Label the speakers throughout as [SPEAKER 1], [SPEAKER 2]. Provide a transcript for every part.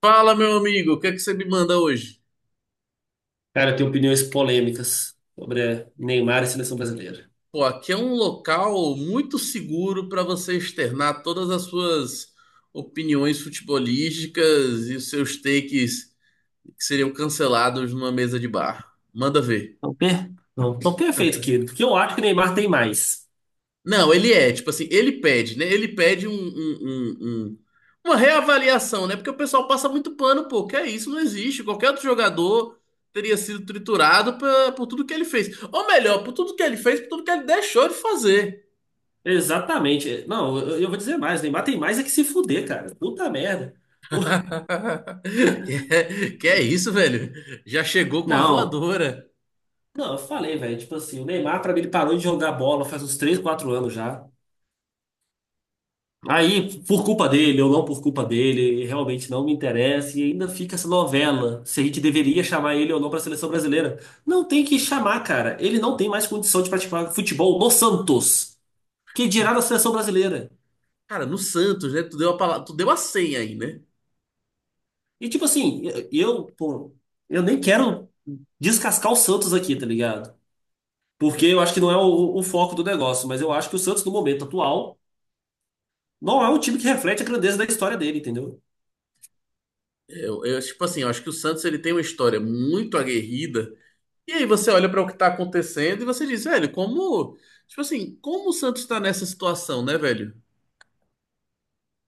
[SPEAKER 1] Fala, meu amigo, o que é que você me manda hoje?
[SPEAKER 2] Cara, eu tenho opiniões polêmicas sobre Neymar e seleção brasileira.
[SPEAKER 1] Pô, aqui é um local muito seguro para você externar todas as suas opiniões futebolísticas e os seus takes que seriam cancelados numa mesa de bar. Manda ver.
[SPEAKER 2] Não, não, tão perfeito, querido, porque eu acho que Neymar tem mais.
[SPEAKER 1] Não, ele é, tipo assim, ele pede, né? Ele pede um- uma reavaliação, né? Porque o pessoal passa muito pano, pô, que é isso, não existe. Qualquer outro jogador teria sido triturado por tudo que ele fez. Ou melhor, por tudo que ele fez, por tudo que ele deixou de fazer.
[SPEAKER 2] Exatamente. Não, eu vou dizer mais. Neymar tem mais é que se fuder, cara. Puta merda. O-
[SPEAKER 1] Que, é isso, velho? Já chegou com a
[SPEAKER 2] Não,
[SPEAKER 1] voadora.
[SPEAKER 2] não, eu falei, velho. Tipo assim, o Neymar, pra mim, ele parou de jogar bola faz uns 3, 4 anos já. Aí, por culpa dele ou não por culpa dele, realmente não me interessa e ainda fica essa novela se a gente deveria chamar ele ou não para a seleção brasileira. Não tem que chamar, cara. Ele não tem mais condição de praticar futebol no Santos, que dirá na seleção brasileira.
[SPEAKER 1] Cara, no Santos, né? Tu deu a palavra, tu deu a senha aí, né?
[SPEAKER 2] E tipo assim, pô, eu nem quero descascar o Santos aqui, tá ligado? Porque eu acho que não é o foco do negócio, mas eu acho que o Santos no momento atual não é um time que reflete a grandeza da história dele, entendeu?
[SPEAKER 1] Eu, tipo assim, eu acho que o Santos ele tem uma história muito aguerrida. E aí você olha para o que tá acontecendo e você diz, velho, como, tipo assim, como o Santos tá nessa situação, né, velho?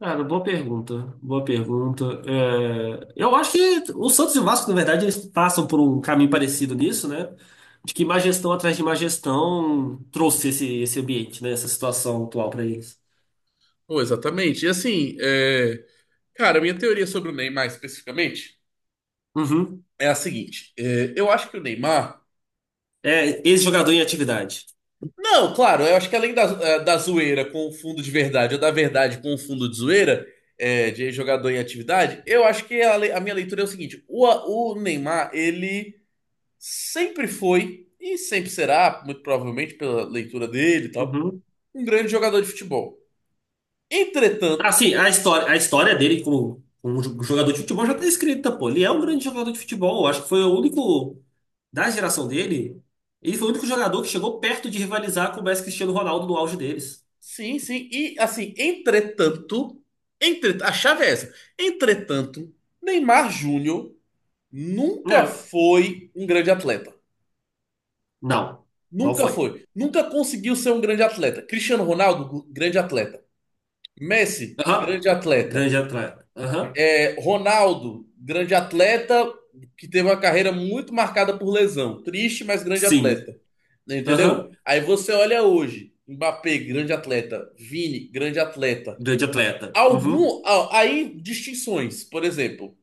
[SPEAKER 2] Cara, boa pergunta, boa pergunta. É, eu acho que o Santos e o Vasco, na verdade, eles passam por um caminho parecido nisso, né? De que má gestão atrás de má gestão trouxe esse ambiente, né? Essa situação atual para eles.
[SPEAKER 1] Pô, exatamente. E assim, é, cara, minha teoria sobre o Neymar especificamente
[SPEAKER 2] Uhum.
[SPEAKER 1] é a seguinte: é, eu acho que o Neymar.
[SPEAKER 2] É, ex-jogador em atividade.
[SPEAKER 1] Não, claro, eu acho que além da, da zoeira com o fundo de verdade ou da verdade com o fundo de zoeira, de jogador em atividade, eu acho que a minha leitura é o seguinte: o Neymar, ele sempre foi e sempre será, muito provavelmente pela leitura dele e tal,
[SPEAKER 2] Uhum.
[SPEAKER 1] um grande jogador de futebol.
[SPEAKER 2] Ah,
[SPEAKER 1] Entretanto,
[SPEAKER 2] sim, a história dele como jogador de futebol já tá escrita, pô. Ele é um grande jogador de futebol. Eu acho que foi o único da geração dele. Ele foi o único jogador que chegou perto de rivalizar com o Messi e Cristiano Ronaldo no auge deles.
[SPEAKER 1] sim, sim, e assim, entretanto, entre, a chave é essa: entretanto, Neymar Júnior nunca
[SPEAKER 2] É.
[SPEAKER 1] foi um grande atleta.
[SPEAKER 2] Não, não
[SPEAKER 1] Nunca
[SPEAKER 2] foi.
[SPEAKER 1] foi. Nunca conseguiu ser um grande atleta. Cristiano Ronaldo, grande atleta. Messi,
[SPEAKER 2] Aham.
[SPEAKER 1] grande atleta.
[SPEAKER 2] Grande atleta. Aham.
[SPEAKER 1] É, Ronaldo, grande atleta, que teve uma carreira muito marcada por lesão. Triste, mas grande
[SPEAKER 2] Sim.
[SPEAKER 1] atleta. Entendeu?
[SPEAKER 2] Aham.
[SPEAKER 1] Aí você olha hoje, Mbappé, grande atleta. Vini, grande atleta.
[SPEAKER 2] Grande atleta. Uhum.
[SPEAKER 1] Algum, aí distinções, por exemplo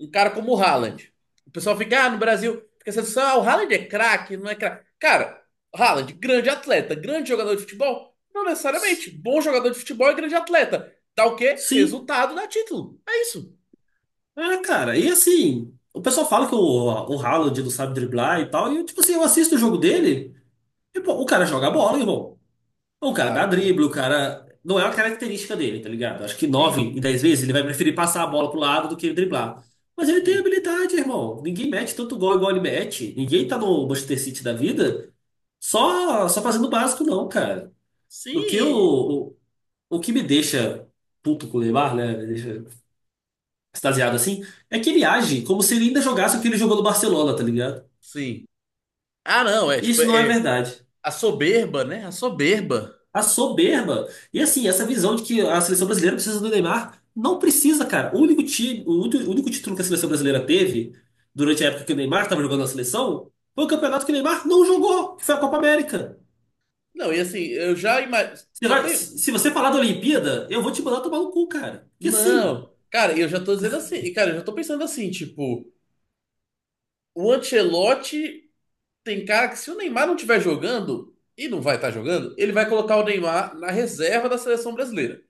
[SPEAKER 1] um cara como o Haaland. O pessoal fica, ah, no Brasil, fica essa discussão, ah, o Haaland é craque, não é craque. Cara, Haaland, grande atleta, grande jogador de futebol? Não
[SPEAKER 2] S-
[SPEAKER 1] necessariamente. Bom jogador de futebol e grande atleta. Dá o quê?
[SPEAKER 2] Sim.
[SPEAKER 1] Resultado, dá título. É isso.
[SPEAKER 2] Ah, cara, e assim, o pessoal fala que o Haaland não sabe driblar e tal, e eu, tipo assim, eu assisto o jogo dele, e pô, o cara joga bola, irmão. O cara dá
[SPEAKER 1] Claro, pô.
[SPEAKER 2] drible, o cara. Não é uma característica dele, tá ligado? Acho que nove
[SPEAKER 1] Sim,
[SPEAKER 2] em dez vezes ele vai preferir passar a bola pro lado do que driblar. Mas ele tem
[SPEAKER 1] sim.
[SPEAKER 2] habilidade, irmão. Ninguém mete tanto gol igual ele mete. Ninguém tá no Manchester City da vida só fazendo o básico, não, cara. O que, eu,
[SPEAKER 1] Sim,
[SPEAKER 2] o, o que me deixa puto com o Neymar, né? Me deixa extasiado assim, é que ele age como se ele ainda jogasse o que ele jogou no Barcelona, tá ligado?
[SPEAKER 1] sim. Ah, não, é
[SPEAKER 2] E
[SPEAKER 1] tipo,
[SPEAKER 2] isso não é
[SPEAKER 1] é
[SPEAKER 2] verdade.
[SPEAKER 1] a soberba, né? A soberba.
[SPEAKER 2] A soberba. E assim, essa visão de que a seleção brasileira precisa do Neymar, não precisa, cara. O único time, o único título que a seleção brasileira teve durante a época que o Neymar estava jogando na seleção foi o campeonato que o Neymar não jogou, que foi a Copa América.
[SPEAKER 1] Não, e assim, eu já imagino.
[SPEAKER 2] Você
[SPEAKER 1] Já
[SPEAKER 2] vai-
[SPEAKER 1] tenho.
[SPEAKER 2] se você falar da Olimpíada, eu vou te mandar tomar no cu, cara. Porque assim,
[SPEAKER 1] Não, cara, eu já tô dizendo assim. E, cara, eu já tô pensando assim, tipo, o Ancelotti tem cara que se o Neymar não estiver jogando, e não vai estar jogando, ele vai colocar o Neymar na reserva da seleção brasileira.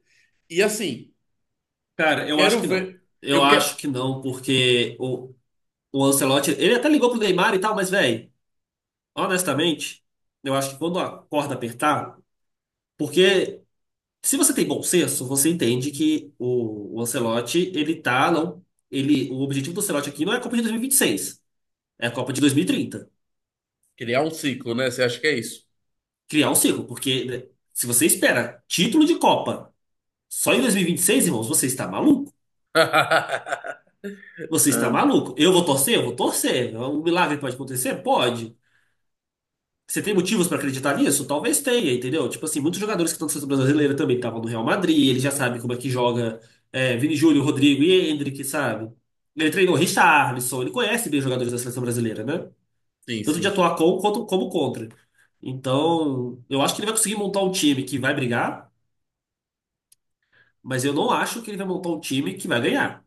[SPEAKER 1] E assim, eu
[SPEAKER 2] cara, eu acho
[SPEAKER 1] quero
[SPEAKER 2] que não.
[SPEAKER 1] ver.
[SPEAKER 2] Eu
[SPEAKER 1] Eu quero
[SPEAKER 2] acho que não, porque o Ancelotti, ele até ligou pro Neymar e tal, mas, velho, honestamente, eu acho que quando a corda apertar, porque se você tem bom senso, você entende que o Ancelotti, ele tá, não, ele, o objetivo do Ancelotti aqui não é a Copa de 2026, é a Copa de 2030.
[SPEAKER 1] criar um ciclo, né? Você acha que é isso?
[SPEAKER 2] Criar um ciclo, porque né, se você espera título de Copa só em 2026, irmãos, você está maluco. Você está
[SPEAKER 1] Ah,
[SPEAKER 2] maluco. Eu vou torcer? Eu vou torcer. Um milagre pode acontecer? Pode. Você tem motivos pra acreditar nisso? Talvez tenha, entendeu? Tipo assim, muitos jogadores que estão na seleção brasileira também estavam no Real Madrid, ele já sabe como é que joga, Vini Júnior, Rodrigo e Endrick, sabe? Ele treinou Richarlison, ele conhece bem os jogadores da seleção brasileira, né?
[SPEAKER 1] sim,
[SPEAKER 2] Tanto de
[SPEAKER 1] sim. Sim.
[SPEAKER 2] atuar com quanto como contra. Então, eu acho que ele vai conseguir montar um time que vai brigar, mas eu não acho que ele vai montar um time que vai ganhar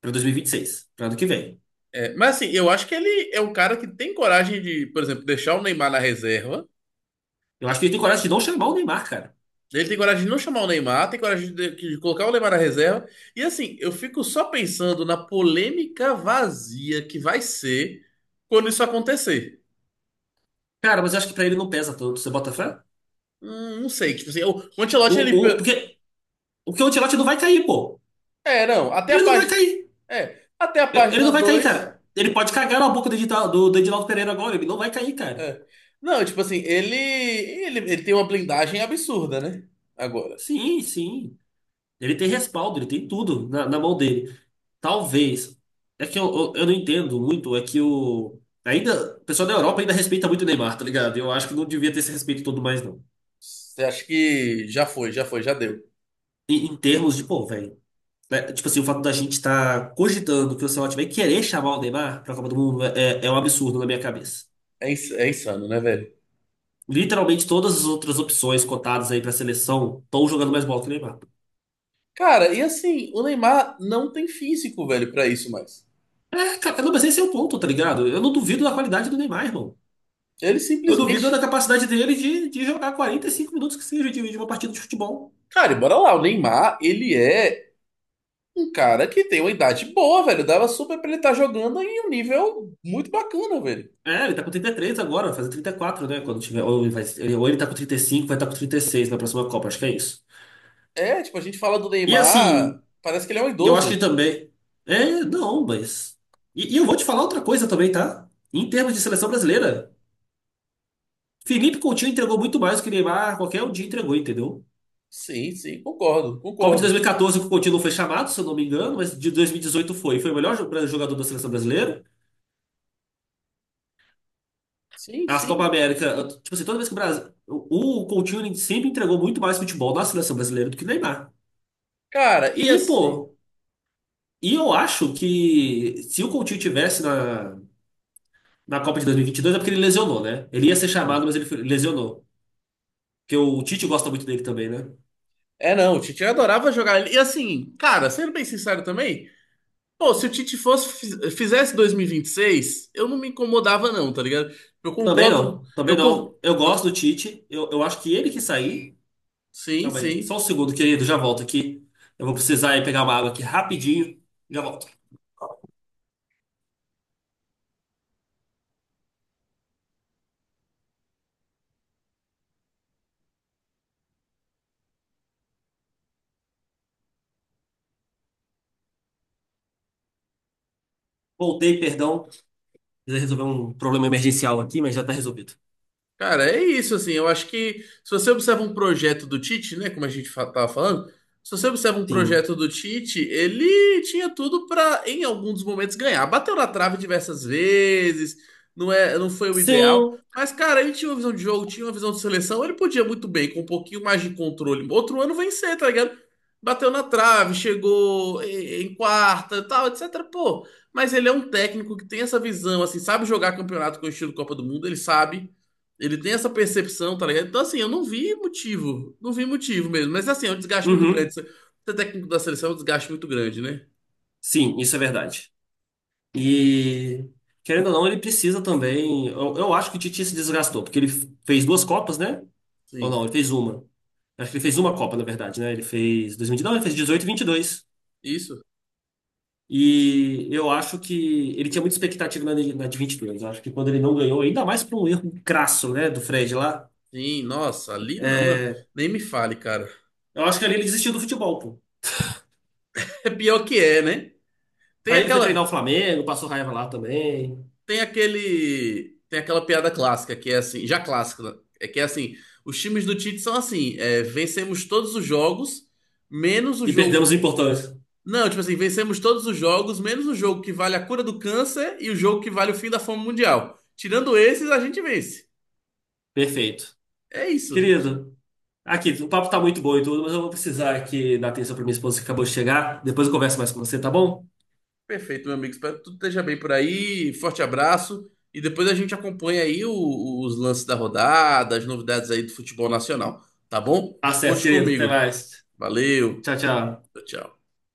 [SPEAKER 2] pra 2026, pra ano que vem.
[SPEAKER 1] É, mas assim, eu acho que ele é um cara que tem coragem de, por exemplo, deixar o Neymar na reserva.
[SPEAKER 2] Eu acho que ele tem coragem de não chamar o Neymar, cara.
[SPEAKER 1] Ele tem coragem de não chamar o Neymar, tem coragem de colocar o Neymar na reserva. E assim, eu fico só pensando na polêmica vazia que vai ser quando isso acontecer.
[SPEAKER 2] Cara, mas eu acho que pra ele não pesa tanto, você bota fé?
[SPEAKER 1] Não sei, tipo assim, o Ancelotti, ele...
[SPEAKER 2] O, o,
[SPEAKER 1] pe-.
[SPEAKER 2] porque o que o Ancelotti não vai cair, pô.
[SPEAKER 1] É, não, até a
[SPEAKER 2] Ele não vai
[SPEAKER 1] página...
[SPEAKER 2] cair.
[SPEAKER 1] É, até a
[SPEAKER 2] Ele
[SPEAKER 1] página
[SPEAKER 2] não vai cair,
[SPEAKER 1] dois.
[SPEAKER 2] cara. Ele pode cagar na boca do Edinaldo Pereira agora. Ele não vai cair, cara.
[SPEAKER 1] É. Não, tipo assim, ele... Ele tem uma blindagem absurda, né? Agora.
[SPEAKER 2] Sim, sim. Ele tem respaldo, ele tem tudo na mão dele. Talvez. É que eu não entendo muito. É que o. Ainda. O pessoal da Europa ainda respeita muito o Neymar, tá ligado? Eu acho que não devia ter esse respeito todo mais, não.
[SPEAKER 1] Você acha que já foi, já foi, já deu.
[SPEAKER 2] Em termos de, pô, velho. Né, tipo assim, o fato da gente estar cogitando que o Ancelotti vai querer chamar o Neymar pra Copa do Mundo é um absurdo na minha cabeça.
[SPEAKER 1] É, é insano, né, velho?
[SPEAKER 2] Literalmente todas as outras opções cotadas aí pra seleção estão jogando mais bola que o Neymar.
[SPEAKER 1] Cara, e assim, o Neymar não tem físico, velho, pra isso mais.
[SPEAKER 2] É, cara, não, mas esse é o ponto, tá ligado? Eu não duvido da qualidade do Neymar, irmão.
[SPEAKER 1] Ele
[SPEAKER 2] Eu duvido
[SPEAKER 1] simplesmente...
[SPEAKER 2] da capacidade dele de jogar 45 minutos que seja de uma partida de futebol.
[SPEAKER 1] Cara, e bora lá, o Neymar, ele é um cara que tem uma idade boa, velho. Dava super pra ele estar jogando em um nível muito bacana, velho.
[SPEAKER 2] É, ele tá com 33 agora, vai fazer 34, né? Quando tiver, ou ele tá com 35, vai estar tá com 36 na próxima Copa, acho que é isso.
[SPEAKER 1] É, tipo, a gente fala do
[SPEAKER 2] E
[SPEAKER 1] Neymar,
[SPEAKER 2] assim,
[SPEAKER 1] parece que ele é um
[SPEAKER 2] eu acho que
[SPEAKER 1] idoso.
[SPEAKER 2] ele também. É, não, mas. E eu vou te falar outra coisa também, tá? Em termos de seleção brasileira. Felipe Coutinho entregou muito mais do que Neymar qualquer um dia entregou, entendeu?
[SPEAKER 1] Sim, sim, concordo,
[SPEAKER 2] Copa de
[SPEAKER 1] concordo.
[SPEAKER 2] 2014 que o Coutinho não foi chamado, se eu não me engano, mas de 2018 foi. Foi o melhor jogador da seleção brasileira.
[SPEAKER 1] Sim,
[SPEAKER 2] As Copa
[SPEAKER 1] sim.
[SPEAKER 2] América, tipo assim, toda vez que o Brasil. O Coutinho ele sempre entregou muito mais futebol na seleção brasileira do que o Neymar.
[SPEAKER 1] Cara, e
[SPEAKER 2] E,
[SPEAKER 1] assim.
[SPEAKER 2] pô, e eu acho que se o Coutinho tivesse na Copa de 2022 é porque ele lesionou, né? Ele ia ser chamado, mas ele lesionou. Porque o Tite gosta muito dele também, né?
[SPEAKER 1] É, não, o Tite adorava jogar ele. E assim, cara, sendo bem sincero também, pô, se o Tite fosse, fizesse 2026, eu não me incomodava, não, tá ligado? Eu
[SPEAKER 2] Também
[SPEAKER 1] concordo.
[SPEAKER 2] não, também
[SPEAKER 1] Eu,
[SPEAKER 2] não. Eu gosto
[SPEAKER 1] eu,
[SPEAKER 2] do Tite, eu acho que ele que sair.
[SPEAKER 1] sim,
[SPEAKER 2] Calma aí.
[SPEAKER 1] sim.
[SPEAKER 2] Só um segundo, querido, já volto aqui. Eu vou precisar ir pegar uma água aqui rapidinho. Já volto. Voltei, perdão. Precisei resolver um problema emergencial aqui, mas já tá resolvido.
[SPEAKER 1] Cara, é isso, assim, eu acho que se você observa um projeto do Tite, né, como a gente tava falando, se você observa um
[SPEAKER 2] Sim.
[SPEAKER 1] projeto do Tite, ele tinha tudo para em alguns momentos, ganhar. Bateu na trave diversas vezes, não é, não foi o ideal,
[SPEAKER 2] Sim.
[SPEAKER 1] mas, cara, ele tinha uma visão de jogo, tinha uma visão de seleção, ele podia muito bem, com um pouquinho mais de controle, outro ano vencer, tá ligado? Bateu na trave, chegou em quarta, tal, etc, pô, mas ele é um técnico que tem essa visão, assim, sabe jogar campeonato com o estilo Copa do Mundo, ele sabe, ele tem essa percepção, tá ligado? Então, assim, eu não vi motivo. Não vi motivo mesmo. Mas, assim, é um desgaste muito grande.
[SPEAKER 2] Uhum.
[SPEAKER 1] Ser técnico da seleção é um desgaste muito grande, né?
[SPEAKER 2] Sim, isso é verdade. E, querendo ou não, ele precisa também. Eu acho que o Titi se desgastou, porque ele fez duas Copas, né? Ou
[SPEAKER 1] Sim.
[SPEAKER 2] não, ele fez uma. Acho que ele fez uma Copa, na verdade, né? Ele fez 2000, não, ele fez 18 e 22.
[SPEAKER 1] Isso?
[SPEAKER 2] E eu acho que ele tinha muita expectativa na de 22. Eu acho que quando ele não ganhou, ainda mais por um erro crasso, né, do Fred lá,
[SPEAKER 1] Sim, nossa, ali não, não.
[SPEAKER 2] é,
[SPEAKER 1] Nem me fale, cara.
[SPEAKER 2] eu acho que ali ele desistiu do futebol, pô.
[SPEAKER 1] É pior que é, né? Tem
[SPEAKER 2] Aí ele foi
[SPEAKER 1] aquela.
[SPEAKER 2] treinar o Flamengo, passou raiva lá também.
[SPEAKER 1] Tem aquele. Tem aquela piada clássica, que é assim, já clássica, né? É que é assim, os times do Tite são assim, é, vencemos todos os jogos, menos o
[SPEAKER 2] E perdemos
[SPEAKER 1] jogo.
[SPEAKER 2] o importante.
[SPEAKER 1] Não, tipo assim, vencemos todos os jogos, menos o jogo que vale a cura do câncer e o jogo que vale o fim da fome mundial. Tirando esses, a gente vence.
[SPEAKER 2] Perfeito.
[SPEAKER 1] É isso.
[SPEAKER 2] Querido, aqui, o papo tá muito bom e tudo, mas eu vou precisar aqui dar atenção pra minha esposa que acabou de chegar. Depois eu converso mais com você, tá bom?
[SPEAKER 1] Perfeito, meu amigo. Espero que tudo esteja bem por aí. Forte abraço. E depois a gente acompanha aí os lances da rodada, as novidades aí do futebol nacional. Tá bom?
[SPEAKER 2] Tá certo,
[SPEAKER 1] Conte
[SPEAKER 2] querido. Até
[SPEAKER 1] comigo.
[SPEAKER 2] mais.
[SPEAKER 1] Valeu.
[SPEAKER 2] Tchau, tchau.
[SPEAKER 1] Tchau, tchau.